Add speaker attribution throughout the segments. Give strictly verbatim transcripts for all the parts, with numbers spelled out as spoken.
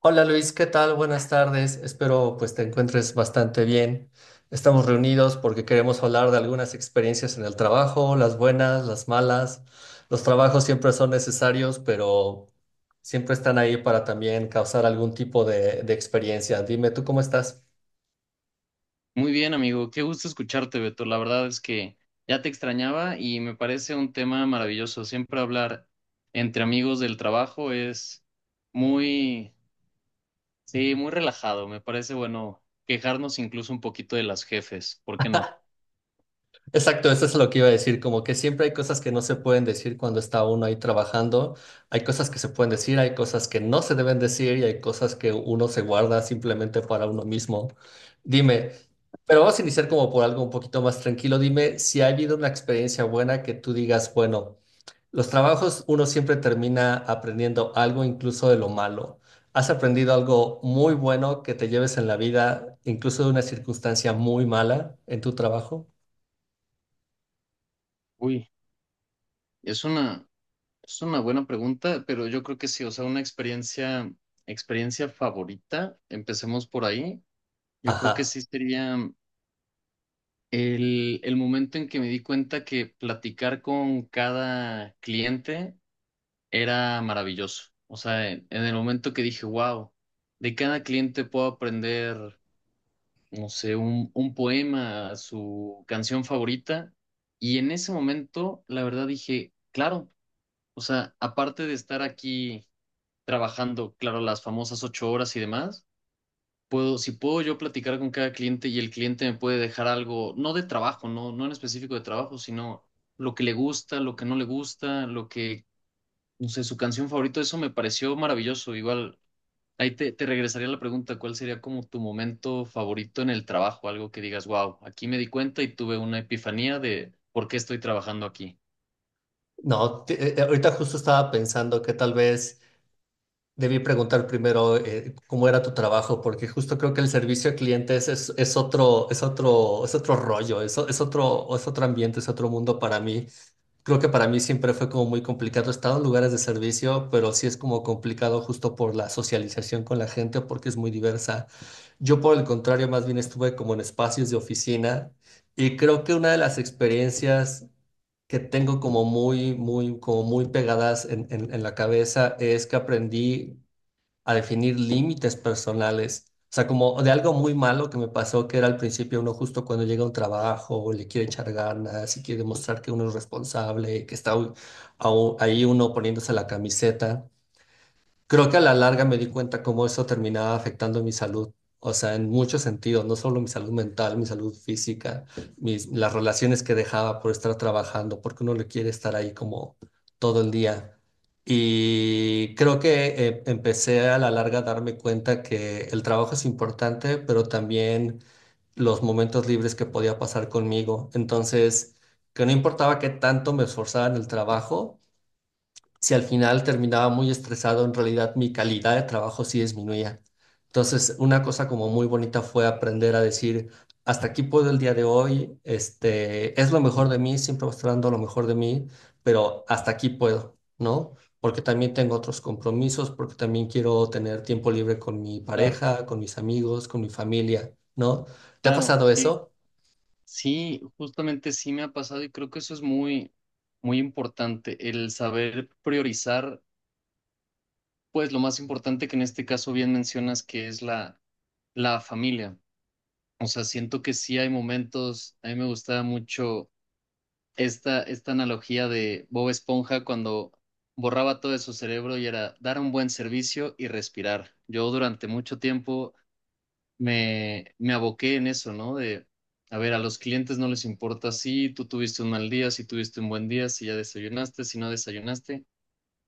Speaker 1: Hola Luis, ¿qué tal? Buenas tardes. Espero pues te encuentres bastante bien. Estamos reunidos porque queremos hablar de algunas experiencias en el trabajo, las buenas, las malas. Los trabajos siempre son necesarios, pero siempre están ahí para también causar algún tipo de, de experiencia. Dime, ¿tú cómo estás?
Speaker 2: Muy bien, amigo. Qué gusto escucharte, Beto. La verdad es que ya te extrañaba y me parece un tema maravilloso. Siempre hablar entre amigos del trabajo es muy, sí, muy relajado. Me parece bueno quejarnos incluso un poquito de las jefes. ¿Por qué no?
Speaker 1: Exacto, eso es lo que iba a decir, como que siempre hay cosas que no se pueden decir cuando está uno ahí trabajando, hay cosas que se pueden decir, hay cosas que no se deben decir y hay cosas que uno se guarda simplemente para uno mismo. Dime, pero vamos a iniciar como por algo un poquito más tranquilo, dime si ha habido una experiencia buena que tú digas, bueno, los trabajos uno siempre termina aprendiendo algo incluso de lo malo. ¿Has aprendido algo muy bueno que te lleves en la vida, incluso de una circunstancia muy mala en tu trabajo?
Speaker 2: Uy, es una, es una buena pregunta, pero yo creo que sí. O sea, una experiencia, experiencia favorita. Empecemos por ahí. Yo creo que
Speaker 1: Ajá.
Speaker 2: sí sería. El, el momento en que me di cuenta que platicar con cada cliente era maravilloso. O sea, en, en el momento que dije, wow, de cada cliente puedo aprender, no sé, un, un poema, su canción favorita. Y en ese momento, la verdad dije, claro, o sea, aparte de estar aquí trabajando, claro, las famosas ocho horas y demás puedo, si puedo yo platicar con cada cliente y el cliente me puede dejar algo, no de trabajo, no, no en específico de trabajo, sino lo que le gusta, lo que no le gusta, lo que, no sé, su canción favorita. Eso me pareció maravilloso. Igual, ahí te, te regresaría la pregunta, ¿cuál sería como tu momento favorito en el trabajo? Algo que digas, wow, aquí me di cuenta y tuve una epifanía de por qué estoy trabajando aquí.
Speaker 1: No, te- eh, ahorita justo estaba pensando que tal vez debí preguntar primero eh, cómo era tu trabajo, porque justo creo que el servicio a clientes es, es otro, es otro, es otro rollo, es, o- es otro, es otro ambiente, es otro mundo para mí. Creo que para mí siempre fue como muy complicado. He estado en lugares de servicio, pero sí es como complicado justo por la socialización con la gente, porque es muy diversa. Yo, por el contrario, más bien estuve como en espacios de oficina y creo que una de las experiencias que tengo como muy, muy, como muy pegadas en, en en la cabeza es que aprendí a definir límites personales. O sea, como de algo muy malo que me pasó, que era al principio uno justo cuando llega a un trabajo, le quiere echar ganas y quiere demostrar que uno es responsable, que está u- au- ahí uno poniéndose la camiseta. Creo que a la larga me di cuenta cómo eso terminaba afectando mi salud, o sea, en muchos sentidos, no solo mi salud mental, mi salud física, mis, las relaciones que dejaba por estar trabajando, porque uno le quiere estar ahí como todo el día. Y creo que eh, empecé a la larga a darme cuenta que el trabajo es importante, pero también los momentos libres que podía pasar conmigo. Entonces, que no importaba qué tanto me esforzara en el trabajo si al final terminaba muy estresado, en realidad mi calidad de trabajo sí disminuía. Entonces, una cosa como muy bonita fue aprender a decir, hasta aquí puedo el día de hoy, este, es lo mejor de mí, siempre voy a estar dando lo mejor de mí, pero hasta aquí puedo, ¿no? Porque también tengo otros compromisos, porque también quiero tener tiempo libre con mi
Speaker 2: Claro,
Speaker 1: pareja, con mis amigos, con mi familia, ¿no? ¿Te ha
Speaker 2: claro,
Speaker 1: pasado
Speaker 2: sí.
Speaker 1: eso?
Speaker 2: Sí, justamente sí me ha pasado y creo que eso es muy, muy importante, el saber priorizar pues lo más importante, que en este caso bien mencionas que es la, la familia. O sea, siento que sí hay momentos, a mí me gustaba mucho esta, esta analogía de Bob Esponja cuando borraba todo de su cerebro y era dar un buen servicio y respirar. Yo durante mucho tiempo me, me aboqué en eso, ¿no? De, a ver, a los clientes no les importa si tú tuviste un mal día, si tuviste un buen día, si ya desayunaste, si no desayunaste.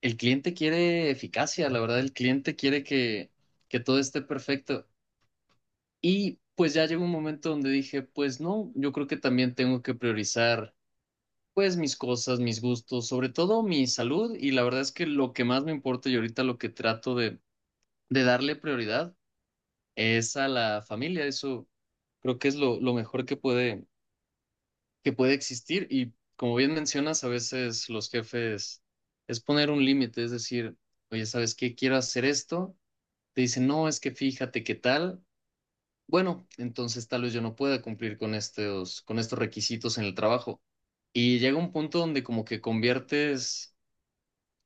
Speaker 2: El cliente quiere eficacia, la verdad, el cliente quiere que, que todo esté perfecto. Y pues ya llegó un momento donde dije, pues no, yo creo que también tengo que priorizar pues mis cosas, mis gustos, sobre todo mi salud. Y la verdad es que lo que más me importa y ahorita lo que trato de, de darle prioridad es a la familia. Eso creo que es lo, lo mejor que puede, que puede existir. Y como bien mencionas, a veces los jefes es poner un límite, es decir, oye, ¿sabes qué? Quiero hacer esto, te dicen, no, es que fíjate qué tal. Bueno, entonces tal vez yo no pueda cumplir con estos, con estos requisitos en el trabajo. Y llega un punto donde como que conviertes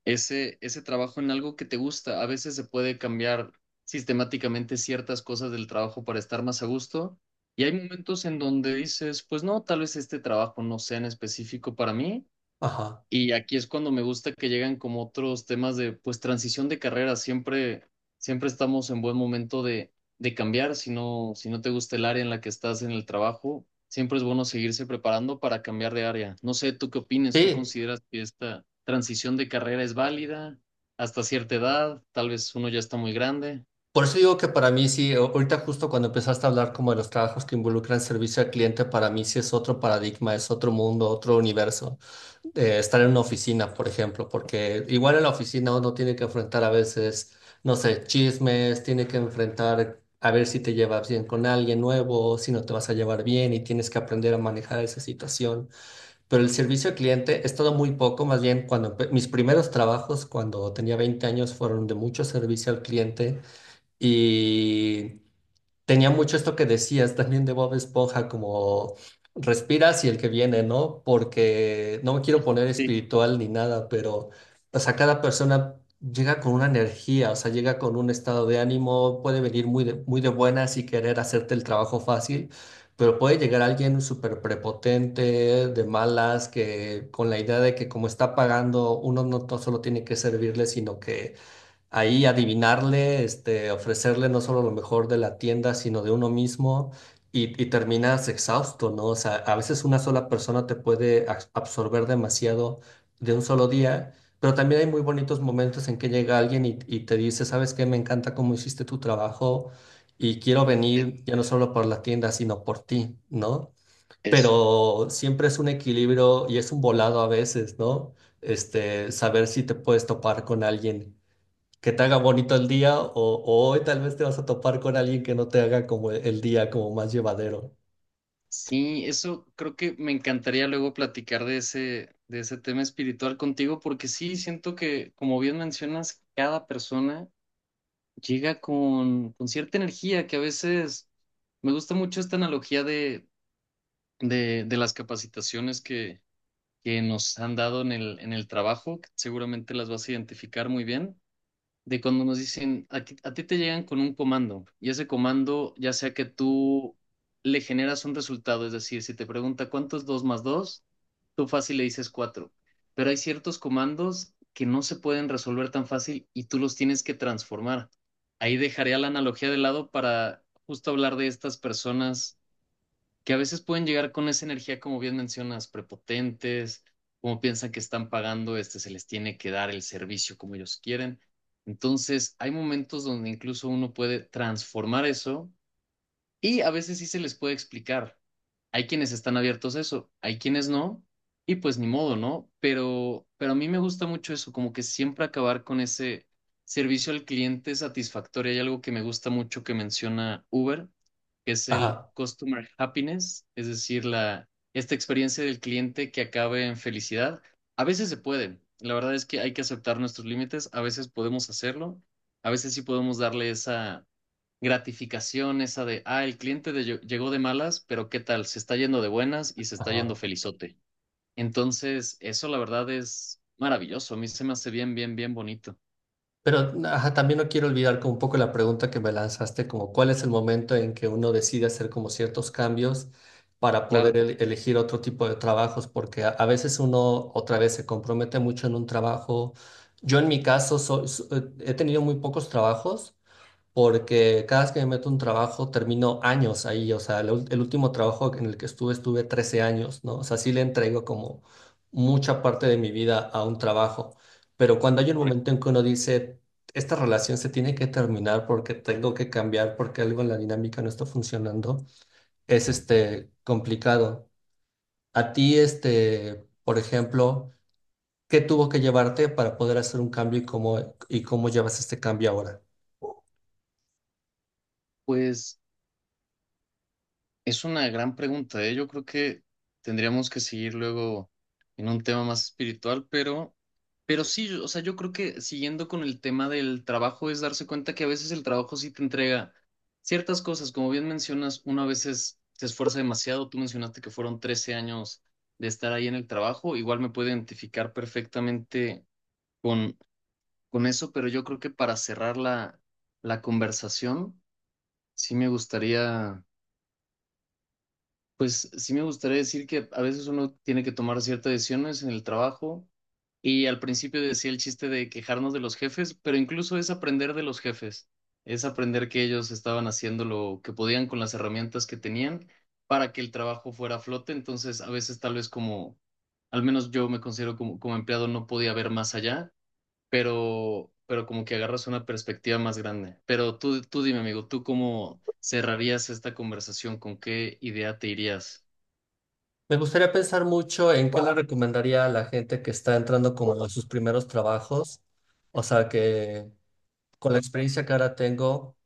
Speaker 2: ese, ese trabajo en algo que te gusta. A veces se puede cambiar sistemáticamente ciertas cosas del trabajo para estar más a gusto. Y hay momentos en donde dices, pues no, tal vez este trabajo no sea en específico para mí.
Speaker 1: Ajá.
Speaker 2: Y aquí es cuando me gusta que llegan como otros temas de, pues, transición de carrera. Siempre, siempre estamos en buen momento de, de cambiar. Si no, si no te gusta el área en la que estás en el trabajo, siempre es bueno seguirse preparando para cambiar de área. No sé, ¿tú qué opinas? ¿Tú
Speaker 1: Sí.
Speaker 2: consideras que esta transición de carrera es válida hasta cierta edad? Tal vez uno ya está muy grande.
Speaker 1: Por eso digo que para mí sí, a- ahorita justo cuando empezaste a hablar como de los trabajos que involucran servicio al cliente, para mí sí es otro paradigma, es otro mundo, otro universo. Eh, estar en una oficina, por ejemplo, porque igual en la oficina uno tiene que enfrentar a veces, no sé, chismes, tiene que enfrentar a ver si te llevas bien con alguien nuevo, si no te vas a llevar bien y tienes que aprender a manejar esa situación. Pero el servicio al cliente he estado muy poco, más bien cuando empe- mis primeros trabajos, cuando tenía veinte años, fueron de mucho servicio al cliente y tenía mucho esto que decías también de Bob Esponja, como respiras y el que viene, ¿no? Porque no me quiero poner
Speaker 2: Sí,
Speaker 1: espiritual ni nada, pero o sea, cada persona llega con una energía, o sea, llega con un estado de ánimo, puede venir muy de, muy de buenas y querer hacerte el trabajo fácil, pero puede llegar alguien súper prepotente, de malas, que con la idea de que como está pagando, uno no to- solo tiene que servirle, sino que ahí adivinarle, este, ofrecerle no solo lo mejor de la tienda, sino de uno mismo y, y terminas exhausto, ¿no? O sea, a veces una sola persona te puede abs- absorber demasiado de un solo día, pero también hay muy bonitos momentos en que llega alguien y, y te dice, ¿sabes qué? Me encanta cómo hiciste tu trabajo y quiero
Speaker 2: e-
Speaker 1: venir ya no solo por la tienda, sino por ti, ¿no?
Speaker 2: eso.
Speaker 1: Pero siempre es un equilibrio y es un volado a veces, ¿no? Este, saber si te puedes topar con alguien que te haga bonito el día o, o hoy tal vez te vas a topar con alguien que no te haga como el el día como más llevadero.
Speaker 2: Sí, eso creo que me encantaría luego platicar de ese, de ese tema espiritual contigo, porque sí, siento que, como bien mencionas, cada persona llega con, con cierta energía que a veces me gusta mucho esta analogía de, de, de las capacitaciones que, que nos han dado en el, en el trabajo, que seguramente las vas a identificar muy bien de cuando nos dicen, a, ti a, ti te llegan con un comando y ese comando, ya sea que tú le generas un resultado, es decir, si te pregunta cuánto es dos más dos, tú fácil le dices cuatro, pero hay ciertos comandos que no se pueden resolver tan fácil y tú los tienes que transformar. Ahí dejaría la analogía de lado para justo hablar de estas personas que a veces pueden llegar con esa energía, como bien mencionas, prepotentes, como piensan que están pagando, este, se les tiene que dar el servicio como ellos quieren. Entonces, hay momentos donde incluso uno puede transformar eso y a veces sí se les puede explicar. Hay quienes están abiertos a eso, hay quienes no, y pues ni modo, ¿no? Pero, pero a mí me gusta mucho eso, como que siempre acabar con ese servicio al cliente satisfactorio. Hay algo que me gusta mucho que menciona Uber, que es el
Speaker 1: Ajá,
Speaker 2: customer happiness, es decir, la, esta experiencia del cliente que acabe en felicidad. A veces se puede. La verdad es que hay que aceptar nuestros límites, a veces podemos hacerlo, a veces sí podemos darle esa gratificación esa de, ah, el cliente de- ll- llegó de malas, pero ¿qué tal? Se está yendo de buenas y se está yendo
Speaker 1: ajá.
Speaker 2: felizote. Entonces, eso la verdad es maravilloso. A mí se me hace bien, bien, bien bonito.
Speaker 1: Pero ajá, también no quiero olvidar como un poco la pregunta que me lanzaste, como cuál es el momento en que uno decide hacer como ciertos cambios para poder
Speaker 2: Claro,
Speaker 1: el- elegir otro tipo de trabajos, porque a, a veces uno otra vez se compromete mucho en un trabajo. Yo en mi caso so- so- he tenido muy pocos trabajos porque cada vez que me meto un trabajo termino años ahí, o sea, la ul- el, último trabajo en el que estuve estuve trece años, ¿no? O sea, sí le entrego como mucha parte de mi vida a un trabajo, pero cuando hay un
Speaker 2: correcto.
Speaker 1: momento en que uno dice, esta relación se tiene que terminar porque tengo que cambiar, porque algo en la dinámica no está funcionando, es este complicado. A ti, este, por ejemplo, ¿qué tuvo que llevarte para poder hacer un cambio y cómo, ¿y cómo llevas este cambio ahora?
Speaker 2: Pues es una gran pregunta, ¿eh? Yo creo que tendríamos que seguir luego en un tema más espiritual, pero, pero sí, o sea, yo creo que siguiendo con el tema del trabajo es darse cuenta que a veces el trabajo sí te entrega ciertas cosas, como bien mencionas, uno a veces se esfuerza demasiado, tú mencionaste que fueron trece años de estar ahí en el trabajo, igual me puedo identificar perfectamente con, con eso, pero yo creo que para cerrar la, la conversación, sí me gustaría pues sí me gustaría decir que a veces uno tiene que tomar ciertas decisiones en el trabajo y al principio decía el chiste de quejarnos de los jefes, pero incluso es aprender de los jefes, es aprender que ellos estaban haciendo lo que podían con las herramientas que tenían para que el trabajo fuera a flote, entonces a veces tal vez como, al menos yo me considero como, como empleado, no podía ver más allá, pero, pero como que agarras una perspectiva más grande. Pero tú, tú dime, amigo, ¿tú cómo cerrarías esta conversación? ¿Con qué idea te irías?
Speaker 1: Me gustaría pensar mucho en qué le recomendaría a la gente que está entrando como a sus primeros trabajos, o sea, que con la experiencia que ahora tengo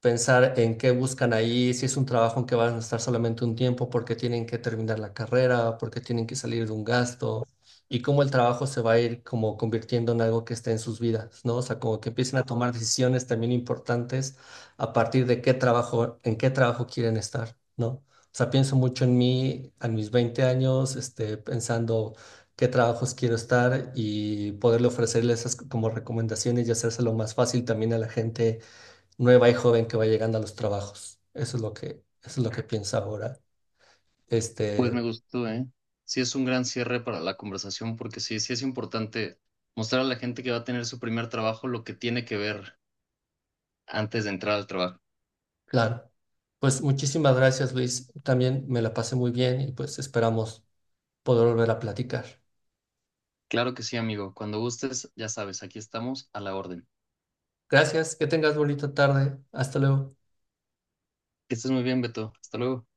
Speaker 1: pensar en qué buscan ahí, si es un trabajo en que van a estar solamente un tiempo porque tienen que terminar la carrera, porque tienen que salir de un gasto, y cómo el trabajo se va a ir como convirtiendo en algo que esté en sus vidas, ¿no? O sea, como que empiecen a tomar decisiones también importantes a partir de qué trabajo, en qué trabajo quieren estar, ¿no? O sea, pienso mucho en mí, a mis veinte años, este, pensando qué trabajos quiero estar y poderle ofrecerles esas como recomendaciones y hacérselo más fácil también a la gente nueva y joven que va llegando a los trabajos. Eso es lo que, eso es lo que pienso ahora.
Speaker 2: Pues
Speaker 1: Este,
Speaker 2: me gustó, ¿eh? Sí, es un gran cierre para la conversación porque sí, sí es importante mostrar a la gente que va a tener su primer trabajo lo que tiene que ver antes de entrar al trabajo.
Speaker 1: claro. Pues muchísimas gracias, Luis. También me la pasé muy bien y pues esperamos poder volver a platicar.
Speaker 2: Claro que sí, amigo. Cuando gustes, ya sabes, aquí estamos a la orden.
Speaker 1: Gracias, que tengas bonita tarde. Hasta luego.
Speaker 2: Que estés muy bien, Beto. Hasta luego.